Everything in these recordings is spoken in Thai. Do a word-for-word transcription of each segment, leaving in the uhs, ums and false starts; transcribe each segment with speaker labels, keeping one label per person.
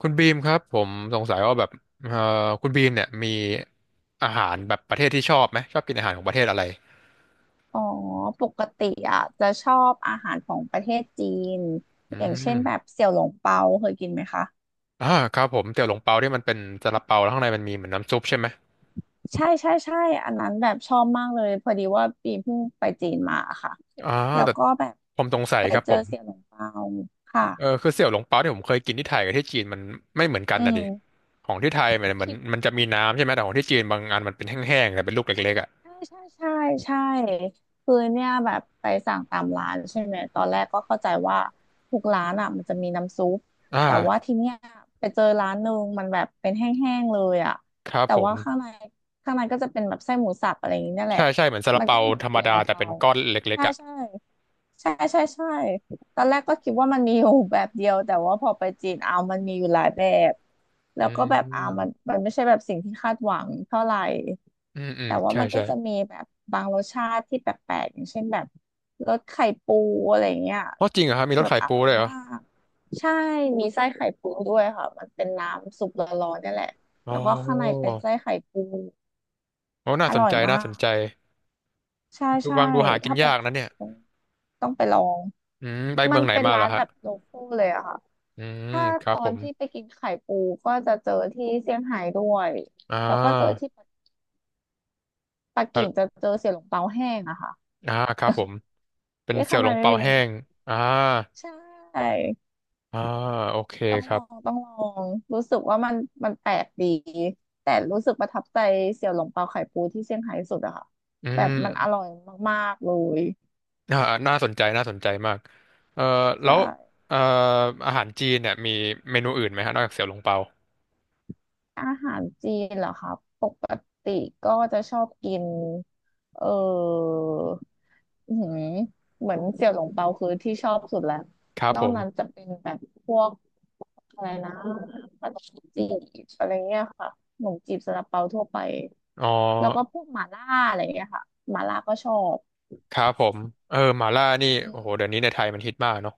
Speaker 1: คุณบีมครับผมสงสัยว่าแบบเอ่อคุณบีมเนี่ยมีอาหารแบบประเทศที่ชอบไหมชอบกินอาหารของประเทศอะไร
Speaker 2: อ๋อปกติอ่ะจะชอบอาหารของประเทศจีน
Speaker 1: อื
Speaker 2: อย่างเช่นแบบ
Speaker 1: ม
Speaker 2: เสี่ยวหลงเปาเคยกินไหมคะ
Speaker 1: อ่าครับผมเตี๋ยวหลงเปาที่มันเป็นซาลาเปาแล้วข้างในมันมีเหมือนน้ำซุปใช่ไหม
Speaker 2: ใช่ใช่ใช่อันนั้นแบบชอบมากเลยพอดีว่าปีเพิ่งไปจีนมาค่ะ
Speaker 1: อ่า
Speaker 2: แล้ว
Speaker 1: แต่
Speaker 2: ก็แบบ
Speaker 1: ผมสงสัย
Speaker 2: ไป
Speaker 1: ครับ
Speaker 2: เจ
Speaker 1: ผ
Speaker 2: อ
Speaker 1: ม
Speaker 2: เสี่ยวหลงเปาค่ะ
Speaker 1: เออคือเสี่ยวหลงเปาที่ผมเคยกินที่ไทยกับที่จีนมันไม่เหมือนกัน
Speaker 2: อื
Speaker 1: นะ
Speaker 2: ม
Speaker 1: ดิของที่ไทยมันมัน
Speaker 2: คิด
Speaker 1: มันจะมีน้ำใช่ไหมแต่ของที่จีนบางอันมันเป็นแห้งๆแต่เป็นลูกเล็กๆอ่ะ
Speaker 2: ใช่ใช่ใช่ใช่คือเนี่ยแบบไปสั่งตามร้านใช่ไหมตอนแรกก็เข้าใจว่าทุกร้านอ่ะมันจะมีน้ำซุป
Speaker 1: อ
Speaker 2: แต่ว่า
Speaker 1: ่า
Speaker 2: ทีเนี้ยไปเจอร้านหนึ่งมันแบบเป็นแห้งๆเลยอ่ะ
Speaker 1: ครับ
Speaker 2: แต่
Speaker 1: ผม
Speaker 2: ว่าข้างในข้างในก็จะเป็นแบบไส้หมูสับอะไรอย่างนี้เนี่ยแห
Speaker 1: ใช่
Speaker 2: ละ
Speaker 1: ใช่เหมือนซาลา
Speaker 2: มันก็
Speaker 1: เปา
Speaker 2: เหมือน
Speaker 1: ธรรม
Speaker 2: เสี่ยว
Speaker 1: ดา
Speaker 2: หลง
Speaker 1: แต่
Speaker 2: เปา
Speaker 1: เป็นก้อนเล็ก
Speaker 2: ใช่
Speaker 1: ๆอ่ะ
Speaker 2: ใช่ ใช่ใช่ใช่ตอนแรกก็คิดว่ามันมีอยู่แบบเดียวแต่ว่าพอไปจีนเอามันมีอยู่หลายแบบแล้
Speaker 1: อื
Speaker 2: วก็แบบเอามัน
Speaker 1: ม
Speaker 2: มันไม่ใช่แบบสิ่งที่คาดหวังเท่าไหร่
Speaker 1: อืมอืม
Speaker 2: แต่ว่า
Speaker 1: ใช่
Speaker 2: มันก็
Speaker 1: ใช่
Speaker 2: จะมีแบบบางรสชาติที่แปลกๆอย่างเช่นแบบรสไข่ปูอะไรเงี้ย
Speaker 1: เพราะจริงเหรอครับมีร
Speaker 2: แบ
Speaker 1: ถ
Speaker 2: บ
Speaker 1: ขาย
Speaker 2: อ
Speaker 1: ปู
Speaker 2: ร่อย
Speaker 1: เลยเหรอ
Speaker 2: มากใช่มีไส้ไข่ปูด้วยค่ะมันเป็นน้ำซุปร้อนๆนี่แหละ
Speaker 1: อ๋อ
Speaker 2: แล้วก็ข้างในเป็นไส้ไข่ปู
Speaker 1: โอ้น่า
Speaker 2: อ
Speaker 1: สน
Speaker 2: ร่อย
Speaker 1: ใจน่า
Speaker 2: มา
Speaker 1: สน
Speaker 2: ก
Speaker 1: ใจ
Speaker 2: ใช่
Speaker 1: ดู
Speaker 2: ใช่
Speaker 1: ฟังดูหากิน
Speaker 2: ถ้าไป
Speaker 1: ยาก
Speaker 2: จี
Speaker 1: นะ
Speaker 2: น
Speaker 1: เนี่ย
Speaker 2: ต้องต้องไปลอง
Speaker 1: อืมไป
Speaker 2: มั
Speaker 1: เมื
Speaker 2: น
Speaker 1: องไหน
Speaker 2: เป็น
Speaker 1: มาเหร
Speaker 2: ร้า
Speaker 1: อ
Speaker 2: นแบ
Speaker 1: ฮะ
Speaker 2: บโลคอลเลยอะค่ะ
Speaker 1: อืม
Speaker 2: ถ้า
Speaker 1: ครั
Speaker 2: ต
Speaker 1: บ
Speaker 2: อ
Speaker 1: ผ
Speaker 2: น
Speaker 1: ม
Speaker 2: ที่ไปกินไข่ปูก็จะเจอที่เซี่ยงไฮ้ด้วย
Speaker 1: อ่
Speaker 2: แล้วก็เจอ
Speaker 1: า
Speaker 2: ที่ปักกิ่งจะ
Speaker 1: อ่า
Speaker 2: เจอเสี่ยหลงเปาแห้งอะค่ะ
Speaker 1: อ่าครับผมเป็น
Speaker 2: ที่
Speaker 1: เสี่ย
Speaker 2: ข้า
Speaker 1: ว
Speaker 2: ง
Speaker 1: หล
Speaker 2: ใน
Speaker 1: ง
Speaker 2: ไม่
Speaker 1: เปา
Speaker 2: มีน้
Speaker 1: แห้งอ่า
Speaker 2: ำใช่
Speaker 1: อ่าโอเค
Speaker 2: ต้อง
Speaker 1: ค
Speaker 2: ล
Speaker 1: รั
Speaker 2: อ
Speaker 1: บ
Speaker 2: งต้องลองรู้สึกว่ามันมันแปลกดีแต่รู้สึกประทับใจเสี่ยวหลงเปาไข่ปูที่เซี่ยงไฮ้สุดอะค่ะ
Speaker 1: อื
Speaker 2: แบบ
Speaker 1: ม
Speaker 2: มันอร่อยมากๆเลย
Speaker 1: อ่าน่าสนใจน่าสนใจมากเอ่อแล้
Speaker 2: ใช่
Speaker 1: วเอ่ออาหารจีนเนี่ยมีเมนูอื่นไหมฮะนอกจากเสี่ยวหลงเปา
Speaker 2: อาหารจีนเหรอคะปกติก็จะชอบกินเอออื้อหือเหมือนเสี่ยวหลงเปาคือที่ชอบสุดแล้ว
Speaker 1: ครับ
Speaker 2: นอ
Speaker 1: ผ
Speaker 2: ก
Speaker 1: ม
Speaker 2: นั้นจะเป็นแบบพวกอะไรนะขนมจีบอะไรเงี้ยค่ะขนมจีบซาลาเปาทั่วไป
Speaker 1: อ๋อ
Speaker 2: แล้วก็พวกหม่าล่าอะไรเงี้ยค่ะหม่าล่าก็ชอบ
Speaker 1: ครับผมเออหม่าล่านี่
Speaker 2: อื
Speaker 1: โอ้โหเดี๋ยวนี้
Speaker 2: ม
Speaker 1: ในไทยมันฮิตมากเนาะ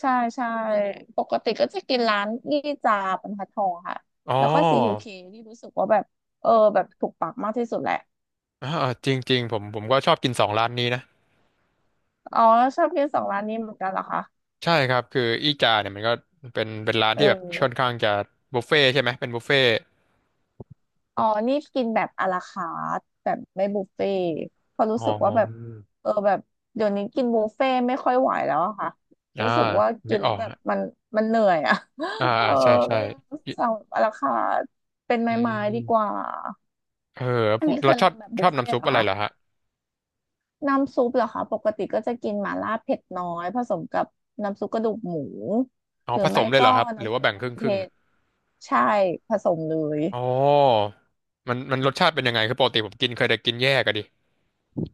Speaker 2: ใช่ใช่ปกติก็จะกินร้านยี่จาบรรทัดทองค่ะ
Speaker 1: อ๋อ
Speaker 2: แล้วก็ซีคิวเคที่รู้สึกว่าแบบเออแบบถูกปากมากที่สุดแหละ
Speaker 1: อ่าจริงๆผมผมก็ชอบกินสองร้านนี้นะ
Speaker 2: อ๋อชอบกินสองร้านนี้เหมือนกันเหรอคะ
Speaker 1: ใช่ครับคืออีจาเนี่ยมันก็เป็นเป็นร้าน
Speaker 2: เอ
Speaker 1: ที่แบบค่อน
Speaker 2: อ
Speaker 1: ข้างจะบุฟเฟ่ต์ใช่ไหมเป็นบุฟเฟ่ต์
Speaker 2: อ๋อนี่กินแบบอะลาคาร์ทแบบไม่บุฟเฟ่ต์เพราะรู้
Speaker 1: อ๋อ
Speaker 2: สึกว่าแบบเออแบบเดี๋ยวนี้กินบุฟเฟ่ต์ไม่ค่อยไหวแล้วอะค่ะ
Speaker 1: อ่า
Speaker 2: รู้สึกว่า
Speaker 1: นึ
Speaker 2: กิ
Speaker 1: ก
Speaker 2: น
Speaker 1: อ
Speaker 2: แล้
Speaker 1: อ
Speaker 2: ว
Speaker 1: ก
Speaker 2: แบบ
Speaker 1: ฮะ
Speaker 2: มันมันเหนื่อยอะ
Speaker 1: อ่า
Speaker 2: เอ
Speaker 1: อ่า
Speaker 2: อ
Speaker 1: ใช่ใช่
Speaker 2: ก็เลย
Speaker 1: อิ
Speaker 2: สั่งแบบอะลาคาร์ทเป็น
Speaker 1: อื
Speaker 2: ไม้ๆดีก
Speaker 1: ม
Speaker 2: ว่า
Speaker 1: เออ
Speaker 2: อัน
Speaker 1: พูด
Speaker 2: นี้เค
Speaker 1: แล้ว
Speaker 2: ย
Speaker 1: ช
Speaker 2: ล
Speaker 1: อ
Speaker 2: อ
Speaker 1: บ
Speaker 2: งแบบ
Speaker 1: ช
Speaker 2: บุ
Speaker 1: อ
Speaker 2: ฟ
Speaker 1: บ
Speaker 2: เฟ่
Speaker 1: น้ำซุ
Speaker 2: ต์เห
Speaker 1: ป
Speaker 2: รอ
Speaker 1: อะไร
Speaker 2: คะ
Speaker 1: เหรอฮะ
Speaker 2: น้ำซุปเหรอคะปกติก็จะกินหม่าล่าเผ็ดน้อยผสมกับน้ำซุปกระดูกหมู
Speaker 1: อ๋อ
Speaker 2: หรือ
Speaker 1: ผส
Speaker 2: ไม่
Speaker 1: มเลยเหร
Speaker 2: ก็
Speaker 1: อครับหรือ
Speaker 2: น้ำ
Speaker 1: ว่า
Speaker 2: ซุป
Speaker 1: แบ่งค
Speaker 2: มะ
Speaker 1: รึ่ง
Speaker 2: เขือ
Speaker 1: ค
Speaker 2: เท
Speaker 1: รึ่ง
Speaker 2: ศใช่ผสมเลย
Speaker 1: อ๋อมันมันรสชาติเป็นยังไงคือปกติผมกินเคยแต่กินแยกอะดิ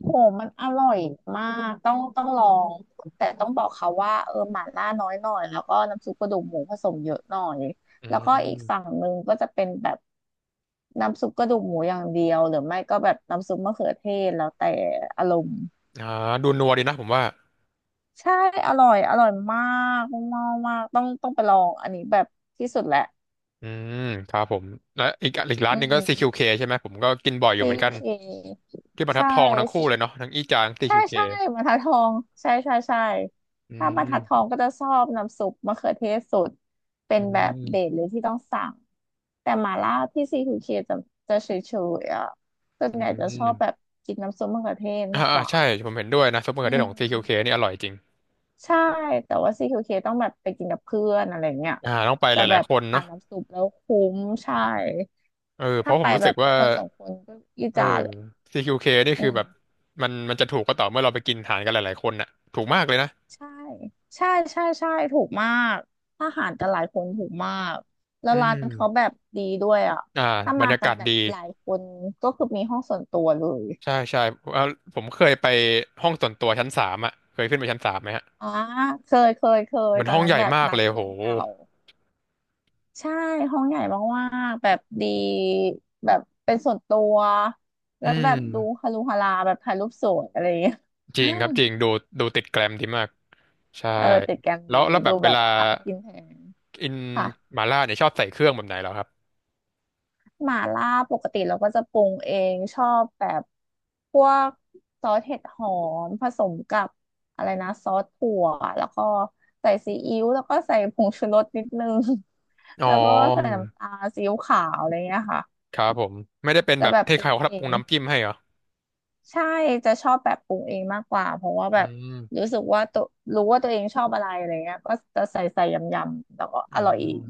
Speaker 2: โหมันอร่อยมากต้องต้องลองแต่ต้องบอกเขาว่าเออหม่าล่าน้อยหน่อยแล้วก็น้ำซุปกระดูกหมูผสมเยอะหน่อย
Speaker 1: อื
Speaker 2: แล้วก็อีก
Speaker 1: ม
Speaker 2: ฝั่งหนึ่งก็จะเป็นแบบน้ำซุปกระดูกหมูอย่างเดียวหรือไม่ก็แบบน้ำซุปมะเขือเทศแล้วแต่อารมณ์
Speaker 1: อ่าดูนัวดีนะผมว่า
Speaker 2: ใช่อร่อยอร่อยมากมากมากต้องต้องไปลองอันนี้แบบที่สุดแหละ
Speaker 1: อืมครับผมและอีกอีกร้า
Speaker 2: อื
Speaker 1: นหนึ่งก็ซีคิวเค
Speaker 2: ม
Speaker 1: ใช่ไหมผมก็กินบ่อยอยู่
Speaker 2: ซี
Speaker 1: เหมือนกัน
Speaker 2: เค
Speaker 1: ที่บรร
Speaker 2: ใช
Speaker 1: ทัดทองทั้งคู่
Speaker 2: ่
Speaker 1: เลยเนาะทั้งอี้จางตี
Speaker 2: ใช่
Speaker 1: คิวเค
Speaker 2: ใช่บรรทัดทองใช่ใช่ใช่
Speaker 1: อื
Speaker 2: ถ้าบรรทัดทอ
Speaker 1: ม
Speaker 2: งก็จะชอบน้ำซุปมะเขือเทศสดเป็
Speaker 1: อื
Speaker 2: นแบบเด็ด
Speaker 1: ม
Speaker 2: เลยที่ต้องสั่งแต่หม่าล่าที่ซีทูเคจะจะเฉยๆอ่ะส่วน
Speaker 1: อื
Speaker 2: ใหญ่จะชอ
Speaker 1: ม
Speaker 2: บแบบกินน้ำซุปมะเขือเทศ
Speaker 1: อ่า
Speaker 2: มากก
Speaker 1: อ่า
Speaker 2: ว่า
Speaker 1: ใช่ผมเห็นด้วยนะซุปเปอร์ก
Speaker 2: อื
Speaker 1: เด้ของซีคิวเค
Speaker 2: ม
Speaker 1: นี่อร่อยจริง
Speaker 2: ใช่แต่ว่า ซี คิว เค ต้องแบบไปกินกับเพื่อนอะไรเงี้ย
Speaker 1: อ่าต้องไปห
Speaker 2: จะแบ
Speaker 1: ลาย
Speaker 2: บ
Speaker 1: ๆคน
Speaker 2: ทา
Speaker 1: เนาะ
Speaker 2: นน้ำซุปแล้วคุ้มใช่
Speaker 1: เออเพ
Speaker 2: ถ้า
Speaker 1: ราะผ
Speaker 2: ไป
Speaker 1: มรู้
Speaker 2: แบ
Speaker 1: สึก
Speaker 2: บ
Speaker 1: ว่า
Speaker 2: คนสองคนก็อี
Speaker 1: เอ
Speaker 2: จา
Speaker 1: อ
Speaker 2: เลย
Speaker 1: ซี คิว เค นี่
Speaker 2: อื
Speaker 1: คือ
Speaker 2: ม
Speaker 1: แบบมันมันจะถูกก็ต่อเมื่อเราไปกินอาหารกันหลายๆคนน่ะถูกมากเลยนะ
Speaker 2: ใช่ใช่ใช่ใช่ถูกมากอาหารแต่หลายคนถูกมากแล้
Speaker 1: อื
Speaker 2: วร้านเขาแบ
Speaker 1: ม
Speaker 2: บดีด้วยอ่ะ
Speaker 1: อ่า
Speaker 2: ถ้า
Speaker 1: บร
Speaker 2: มา
Speaker 1: รยา
Speaker 2: กั
Speaker 1: กา
Speaker 2: น
Speaker 1: ศ
Speaker 2: แบบ
Speaker 1: ดี
Speaker 2: หลายคนก็คือมีห้องส่วนตัวเลย
Speaker 1: ใช่ใช่เอ่อผมเคยไปห้องส่วนตัวชั้นสามอ่ะเคยขึ้นไปชั้นสามไหมฮะ
Speaker 2: อ่าเคยเคยเคย
Speaker 1: มัน
Speaker 2: ตอ
Speaker 1: ห้
Speaker 2: น
Speaker 1: อง
Speaker 2: นั้
Speaker 1: ให
Speaker 2: น
Speaker 1: ญ่
Speaker 2: แบบ
Speaker 1: มาก
Speaker 2: นัด
Speaker 1: เลยโห
Speaker 2: เพื่อนเก่า ใช่ห้องใหญ่มากๆแบบดี แบบเป็นส่วนตัว
Speaker 1: อื
Speaker 2: แล้วแบบดู
Speaker 1: ม
Speaker 2: ฮารุฮาราแบบถ่ายรูปสวยอะไรอย่างเงี้ย
Speaker 1: จริงครับ จริงดูดูติดแกรมดีมาก ใช่
Speaker 2: เออติดแกรม
Speaker 1: แล้
Speaker 2: ดี
Speaker 1: วแล้วแบ
Speaker 2: ดู
Speaker 1: บเว
Speaker 2: แบบ
Speaker 1: ลา
Speaker 2: อ่ะกินแพง
Speaker 1: กิน
Speaker 2: ค่ะ
Speaker 1: หม่าล่าเนี่ยชอบใส่เครื่องแบบไหนเหรอครับ
Speaker 2: หม่าล่าปกติเราก็จะปรุงเองชอบแบบพวกซอสเห็ดหอมผสมกับอะไรนะซอสถั่วแล้วก็ใส่ซีอิ๊วแล้วก็ใส่ผงชูรสนิดนึง
Speaker 1: อ๋ อ
Speaker 2: แล้วก็ใส่น้ำตาลซีอิ๊วขาวอะไรเงี้ยค่ะ
Speaker 1: ครับผมไม่ได้เป็น
Speaker 2: แต่
Speaker 1: แบบ
Speaker 2: แบบ
Speaker 1: เท
Speaker 2: ป
Speaker 1: ใค
Speaker 2: รุ
Speaker 1: ร
Speaker 2: ง
Speaker 1: เขา
Speaker 2: เอ
Speaker 1: ปรุง
Speaker 2: ง
Speaker 1: น้ำจิ้มให้เหรอ
Speaker 2: ใช่จะชอบแบบปรุงเองมากกว่าเพราะว่าแบ
Speaker 1: อื
Speaker 2: บ
Speaker 1: ม
Speaker 2: รู้สึกว่าตัวรู้ว่าตัวเองชอบอะไรอะไรเงี้ยก็จะใส่ใส่ยำยำแล้วก็
Speaker 1: เอ
Speaker 2: อ
Speaker 1: อ
Speaker 2: ร่อยเอง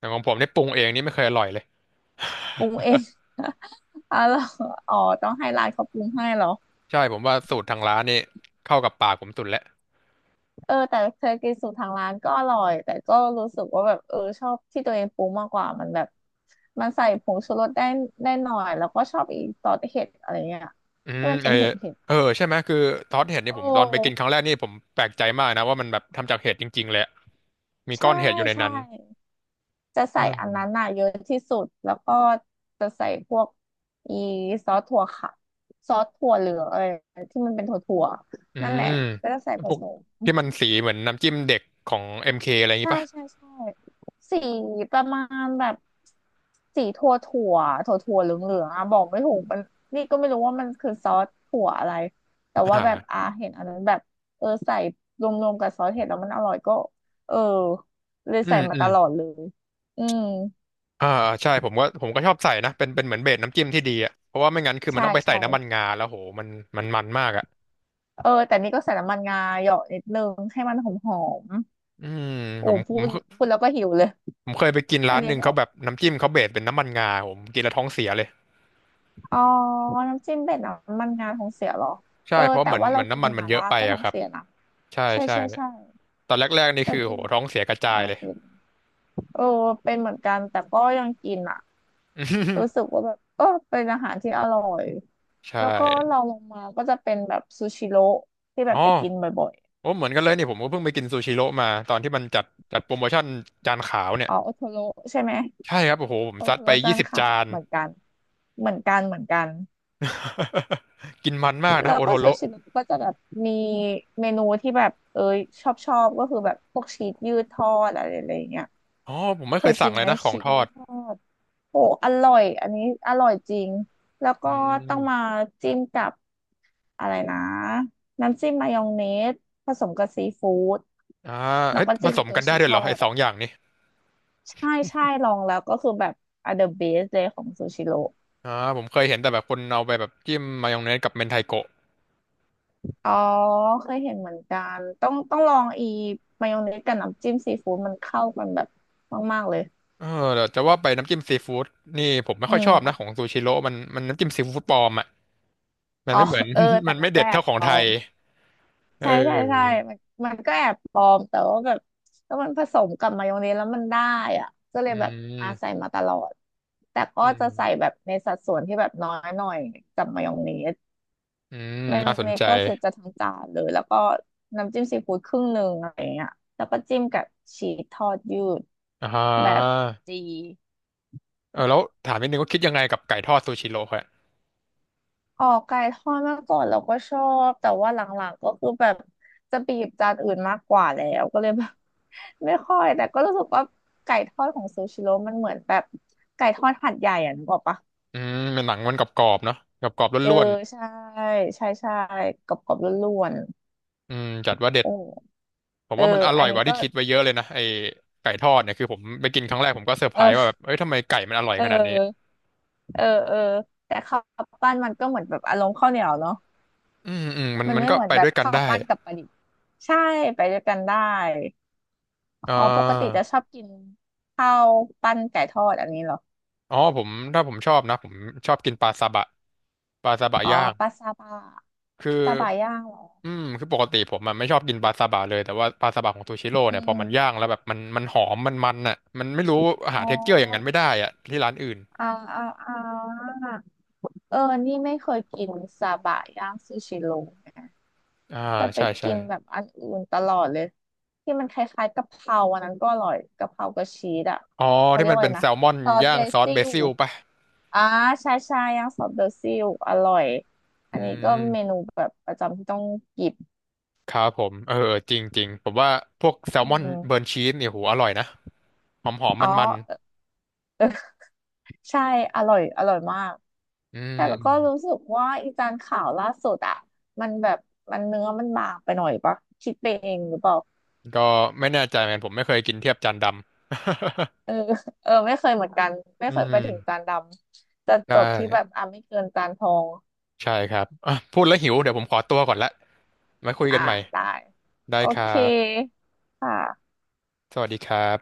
Speaker 1: อย่างของผมเนี่ยปรุงเองนี่ไม่เคยอร่อยเลย
Speaker 2: ปรุงเอง อร่อยอ๋อต้องให้ร้านเขาปรุงให้เหรอ
Speaker 1: ใช่ผมว่าสูตรทางร้านนี่เข้ากับปากผมสุดแล้ว
Speaker 2: เออแต่เคยกินสูตรทางร้านก็อร่อยแต่ก็รู้สึกว่าแบบเออชอบที่ตัวเองปรุงมากกว่ามันแบบมันใส่ผงชูรสได้ได้หน่อยแล้วก็ชอบอีซอสเห็ดอะไรเงี้ย
Speaker 1: อืม
Speaker 2: ที่มัน
Speaker 1: เอ
Speaker 2: เป็
Speaker 1: อ
Speaker 2: นเห็ดเห็ด
Speaker 1: เออใช่ไหมคือทอดเห็ด
Speaker 2: โอ
Speaker 1: เนี่ยผมตอนไปกิน
Speaker 2: ้
Speaker 1: ครั้งแรกนี่ผมแปลกใจมากนะว่ามันแบบทำจากเห็ดจริงๆเลยอะมีก้อ
Speaker 2: ใช่
Speaker 1: นเห็ดอยู่ใน
Speaker 2: ใช่
Speaker 1: นั้น
Speaker 2: จะ
Speaker 1: เอ
Speaker 2: ใส่อัน
Speaker 1: อ
Speaker 2: นั้นน่ะเยอะที่สุดแล้วก็จะใส่พวกอีซอสถั่วค่ะซอสถั่วเหลืองเอ้ยที่มันเป็นถั่วถั่ว
Speaker 1: อื
Speaker 2: นั่นแหละ
Speaker 1: ม
Speaker 2: ก็จะใส่ผ
Speaker 1: พวก
Speaker 2: สม
Speaker 1: ที่มันสีเหมือนน้ำจิ้มเด็กของเอ็มเคอะไรอย่างงี้
Speaker 2: ใช่
Speaker 1: ปะ
Speaker 2: ใช่ใช่สีประมาณแบบสีถั่วถั่วถั่วถั่วเหลืองเหลืองอ่ะบอกไม่ถูกมันนี่ก็ไม่รู้ว่ามันคือซอสถั่วอะไรแต่
Speaker 1: อ
Speaker 2: ว่าแบบ
Speaker 1: ่า
Speaker 2: อาเห็นอันนั้นแบบเออใส่รวมๆกับซอสเห็ดแล้วมันอร่อยก็เออเลย
Speaker 1: อื
Speaker 2: ใส่
Speaker 1: ม
Speaker 2: มา
Speaker 1: อื
Speaker 2: ต
Speaker 1: ม
Speaker 2: ลอดเลยอืม
Speaker 1: อ่าใช่ผมก็ผมก็ชอบใส่นะเป็นเป็นเหมือนเบสน้ำจิ้มที่ดีอ่ะเพราะว่าไม่งั้นคือมัน
Speaker 2: ใช่
Speaker 1: ต้องไปใส่
Speaker 2: ใช่
Speaker 1: น้ำมันงาแล้วโหมันมันมันมากอ่ะ
Speaker 2: เออแต่นี่ก็ใส่น้ำมันงาเหยาะนิดนึงให้มันหอมหอม
Speaker 1: อืม
Speaker 2: โอ้
Speaker 1: ผม
Speaker 2: พูด
Speaker 1: ผม
Speaker 2: พูดแล้วก็หิวเลย
Speaker 1: ผมเคยไปกิน
Speaker 2: อั
Speaker 1: ร้า
Speaker 2: น
Speaker 1: นห
Speaker 2: นี้
Speaker 1: นึ่ง
Speaker 2: แบ
Speaker 1: เขา
Speaker 2: บ
Speaker 1: แบบน้ำจิ้มเขาเบสเป็นน้ำมันงาผมกินแล้วท้องเสียเลย
Speaker 2: อ๋อน้ำจิ้มเป็ดน้ำมันงาท้องเสียเหรอเอ
Speaker 1: ใช่
Speaker 2: อ
Speaker 1: เพราะ
Speaker 2: แต่
Speaker 1: เหมือน
Speaker 2: ว่า
Speaker 1: เห
Speaker 2: เรา
Speaker 1: มือน
Speaker 2: กิ
Speaker 1: น้ำ
Speaker 2: น
Speaker 1: มัน
Speaker 2: ห
Speaker 1: มัน
Speaker 2: ม่า
Speaker 1: เยอะ
Speaker 2: ล่า
Speaker 1: ไป
Speaker 2: ก็ท้อ
Speaker 1: อะ
Speaker 2: ง
Speaker 1: ครับ
Speaker 2: เสียนะ
Speaker 1: ใช่
Speaker 2: ใช่
Speaker 1: ใช่
Speaker 2: ใช่ใช่
Speaker 1: ตอนแรกๆนี่
Speaker 2: เรา
Speaker 1: คือ
Speaker 2: กิ
Speaker 1: โห
Speaker 2: น
Speaker 1: ท้องเสียกระ
Speaker 2: หม่า
Speaker 1: จาย
Speaker 2: ล่า
Speaker 1: เลย
Speaker 2: เป็นเออเป็นเหมือนกันแต่ก็ยังกินอ่ะรู้สึกว่าแบบเออเป็นอาหารที่อร่อย
Speaker 1: ใช่
Speaker 2: แล้วก็เราลงมาก็จะเป็นแบบซูชิโร่ที่แบ
Speaker 1: อ๋อ
Speaker 2: บไปกินบ่อย
Speaker 1: โอ้เหมือนกันเลยนี่ผมก็เพิ่งไปกินซูชิโร่มาตอนที่มันจัดจัดโปรโมชั่นจานขาว
Speaker 2: ๆ
Speaker 1: เนี่ย
Speaker 2: อ๋อโอโทโร่ใช่ไหม
Speaker 1: ใช่ครับโอ้โหผม
Speaker 2: โอ
Speaker 1: ซั
Speaker 2: โท
Speaker 1: ดไป
Speaker 2: โร่
Speaker 1: ยี่
Speaker 2: จาน
Speaker 1: สิบ
Speaker 2: ขา
Speaker 1: จา
Speaker 2: ว
Speaker 1: น
Speaker 2: เหมือนกันเหมือนกันเหมือนกัน
Speaker 1: กินมันมาก
Speaker 2: แล้
Speaker 1: นะ
Speaker 2: ว
Speaker 1: โอ
Speaker 2: ก็
Speaker 1: โท
Speaker 2: ซู
Speaker 1: โร่
Speaker 2: ชิโนก็จะแบบมีเมนูที่แบบเอยชอบชอบก็คือแบบพวกชีสยืดทอดอะไรอะไรเงี้ย
Speaker 1: อ๋อผมไม่
Speaker 2: เค
Speaker 1: เค
Speaker 2: ย
Speaker 1: ย
Speaker 2: กิ
Speaker 1: สั่ง
Speaker 2: น
Speaker 1: เล
Speaker 2: ไห
Speaker 1: ย
Speaker 2: ม
Speaker 1: นะขอ
Speaker 2: ชี
Speaker 1: ง
Speaker 2: ส
Speaker 1: ทอ
Speaker 2: ยื
Speaker 1: ด
Speaker 2: ดทอดโอ้อร่อยอันนี้อร่อยจริงแล้วก็
Speaker 1: อื
Speaker 2: ต้อ
Speaker 1: ม
Speaker 2: งมาจิ้มกับอะไรนะน้ำจิ้มมายองเนสผสมกับซีฟู้ด
Speaker 1: อ่า
Speaker 2: แล้
Speaker 1: เอ้
Speaker 2: ว
Speaker 1: ย
Speaker 2: ก็
Speaker 1: ผ
Speaker 2: จิ้ม
Speaker 1: ส
Speaker 2: เป็น
Speaker 1: ม
Speaker 2: ตัว
Speaker 1: กันได้
Speaker 2: ชีส
Speaker 1: ด้วย
Speaker 2: ท
Speaker 1: เหร
Speaker 2: อ
Speaker 1: อไอ้
Speaker 2: ด
Speaker 1: สอ
Speaker 2: อ่ะ
Speaker 1: งอย่างนี้
Speaker 2: ใช่ใช่ลองแล้วก็คือแบบ are the best เลยของซูชิโร่
Speaker 1: อ่าผมเคยเห็นแต่แบบคนเอาไปแบบจิ้มมายองเนสกับเมนไทโกะ
Speaker 2: อ๋อเคยเห็นเหมือนกันต้องต้องลองอีมายองเนสกับน้ำจิ้มซีฟู้ดมันเข้ากันแบบมากๆเลย
Speaker 1: เออแต่จะว่าไปน้ำจิ้มซีฟู้ดนี่ผมไม่
Speaker 2: อื
Speaker 1: ค่อยชอบนะของ
Speaker 2: ม
Speaker 1: ซูชิโร่มันมันน้ำจิ้มซีฟู้ดปลอมอ่ะมัน
Speaker 2: อ๋อ
Speaker 1: ไม่เหมือน
Speaker 2: เออ แต่
Speaker 1: มัน
Speaker 2: มั
Speaker 1: ไม่
Speaker 2: น
Speaker 1: เด็
Speaker 2: ก็
Speaker 1: ด
Speaker 2: แอ
Speaker 1: เท่า
Speaker 2: บ
Speaker 1: ของ
Speaker 2: ปล
Speaker 1: ไท
Speaker 2: อ
Speaker 1: ย
Speaker 2: ม
Speaker 1: เ
Speaker 2: ใช่ใช่ใช่
Speaker 1: ออ
Speaker 2: มันมันก็แอบปลอมแต่ว่าแบบถ้ามันผสมกับมายองเนสแล้วมันได้อ่ะก็เล
Speaker 1: อื
Speaker 2: ยแบบอา
Speaker 1: ม
Speaker 2: ใส่มาตลอดแต่ก็
Speaker 1: อื
Speaker 2: จะใส่
Speaker 1: ม
Speaker 2: แบบในสัดส่วนที่แบบน้อยหน่อยกับมายองเนส
Speaker 1: อืม
Speaker 2: เมนู
Speaker 1: น่าสน
Speaker 2: นี้
Speaker 1: ใจ
Speaker 2: ก็คือจะทั้งจานเลยแล้วก็น้ำจิ้มซีฟู้ดครึ่งหนึ่งอะไรเงี้ยแล้วก็จิ้มกับชีสทอดยืด
Speaker 1: อ่า
Speaker 2: แบบดี
Speaker 1: เออแล้วถามนิดนึงว่าคิดยังไงกับไก่ทอดซูชิโร่
Speaker 2: ออกไก่ทอดเมื่อก่อนเราก็ชอบแต่ว่าหลังๆก็คือแบบจะไปหยิบจานอื่นมากกว่าแล้วก็เลยแบบ ไม่ค่อยแต่ก็รู้สึกว่าไก่ทอดของซูชิโร่มันเหมือนแบบไก่ทอดหัดใหญ่อ่ะนึกออกปะ
Speaker 1: อืมเป็นหนังมันกรอบๆเนาะกรอบๆ
Speaker 2: เออ
Speaker 1: ล้วน
Speaker 2: ใช่ใช่ใช่กรอบๆล้วน
Speaker 1: ๆอืมจัดว่าเด็
Speaker 2: ๆ
Speaker 1: ด
Speaker 2: โอ้
Speaker 1: ผม
Speaker 2: เออ
Speaker 1: ว่ามันอร่
Speaker 2: อั
Speaker 1: อ
Speaker 2: น
Speaker 1: ยก
Speaker 2: นี้
Speaker 1: ว่า
Speaker 2: ก็
Speaker 1: ที่คิดไว้เยอะเลยนะไอ้ไก่ทอดเนี่ยคือผมไปกินครั้งแรกผมก็เซอร์ไพรส์ว่าแบ
Speaker 2: เออ
Speaker 1: บเอ้ยทำไมไก่มันอร่อย
Speaker 2: เ
Speaker 1: ขนาดนี้
Speaker 2: ออ เออเออแต่ข้าวปั้นมันก็เหมือนแบบอารมณ์ข้าวเหนียวเนาะ
Speaker 1: อืมอืมมัน
Speaker 2: มัน
Speaker 1: มัน
Speaker 2: ไม่
Speaker 1: ก็
Speaker 2: เหมือน
Speaker 1: ไป
Speaker 2: แบ
Speaker 1: ด้
Speaker 2: บ
Speaker 1: วยกัน
Speaker 2: ข้าว
Speaker 1: ได้
Speaker 2: ปั้นกับปลาดิบใช่ไปด้วยกันได้
Speaker 1: อ่
Speaker 2: อ๋อปกติ
Speaker 1: า
Speaker 2: จะชอบกินข้าวปั้นไก่ทอดอันนี้เหรอ
Speaker 1: อ๋อผมถ้าผมชอบนะผมชอบกินปลาซาบะปลาซาบะ
Speaker 2: อ๋อ
Speaker 1: ย่าง
Speaker 2: ปลาซาบะ
Speaker 1: คือ
Speaker 2: ซาบะย่างเหรอ
Speaker 1: อืมคือปกติผมมันไม่ชอบกินปลาซาบะเลยแต่ว่าปลาซาบะของซูชิโร่
Speaker 2: อื
Speaker 1: เนี่ยพอมันย่า
Speaker 2: ม
Speaker 1: งแล้วแบบมันมันหอมมันมันอ่ะมันไม่รู้หา
Speaker 2: อ๋
Speaker 1: เท็กเจอร์อย่างนั้น
Speaker 2: อ
Speaker 1: ไม่ได้อ่ะที่ร้านอื่น
Speaker 2: อ่าอ่าอ่าเออนี่ไม่เคยกินซาบะย่างซูชิโร่
Speaker 1: อ่า
Speaker 2: จะไป
Speaker 1: ใช่ใช่
Speaker 2: กินแบบอันอื่นตลอดเลยที่มันคล้ายๆกะเพราอันนั้นก็อร่อยกะเพรากับชีสอ่ะ
Speaker 1: อ๋อ
Speaker 2: เขา
Speaker 1: ที่
Speaker 2: เรียก
Speaker 1: มัน
Speaker 2: ว่าอะ
Speaker 1: เป็
Speaker 2: ไร
Speaker 1: นแซ
Speaker 2: นะ
Speaker 1: ลมอน
Speaker 2: ซอส
Speaker 1: ย่า
Speaker 2: เบ
Speaker 1: งซอส
Speaker 2: ซิ
Speaker 1: เบ
Speaker 2: ล
Speaker 1: ซิลป่ะ
Speaker 2: อ่าใช่ใช่ย่างซอสเบซิลอร่อยอั
Speaker 1: อื
Speaker 2: นนี้ก็เมนู
Speaker 1: ม
Speaker 2: แบบประจำที่ต้องกิบ
Speaker 1: ครับผมเออเออจริงจริงผมว่าพวกแซล
Speaker 2: อื
Speaker 1: มอนเบิร์น
Speaker 2: ม
Speaker 1: ชีสเนี่ยโหอร่อยนะหอมหอม
Speaker 2: อ๋
Speaker 1: มั
Speaker 2: อ
Speaker 1: นมัน
Speaker 2: ใช่อร่อยอร่อยมาก
Speaker 1: ๆอื
Speaker 2: แต่แล้วก็
Speaker 1: ม
Speaker 2: รู้สึกว่าอีจานข่าวล่าสุดอะมันแบบมันเนื้อมันบางไปหน่อยปะคิดไปเองหรือเปล่า
Speaker 1: ก็ไม่แน่ใจเหมือนกันผมไม่เคยกินเทียบจานดำ
Speaker 2: เออเออไม่เคยเหมือนกันไม่
Speaker 1: อื
Speaker 2: เคยไปถึงจา
Speaker 1: ม
Speaker 2: นดำจะ
Speaker 1: ใช่
Speaker 2: จบที่แบบอ่ะไม่เกินจานทอง
Speaker 1: ใช่ครับอ่ะพูดแล้วหิวเดี๋ยวผมขอตัวก่อนละไว้คุย
Speaker 2: อ่า
Speaker 1: กันใหม่
Speaker 2: ได้
Speaker 1: ได้
Speaker 2: โอ
Speaker 1: ครั
Speaker 2: เค
Speaker 1: บ
Speaker 2: ค่ะ
Speaker 1: สวัสดีครับ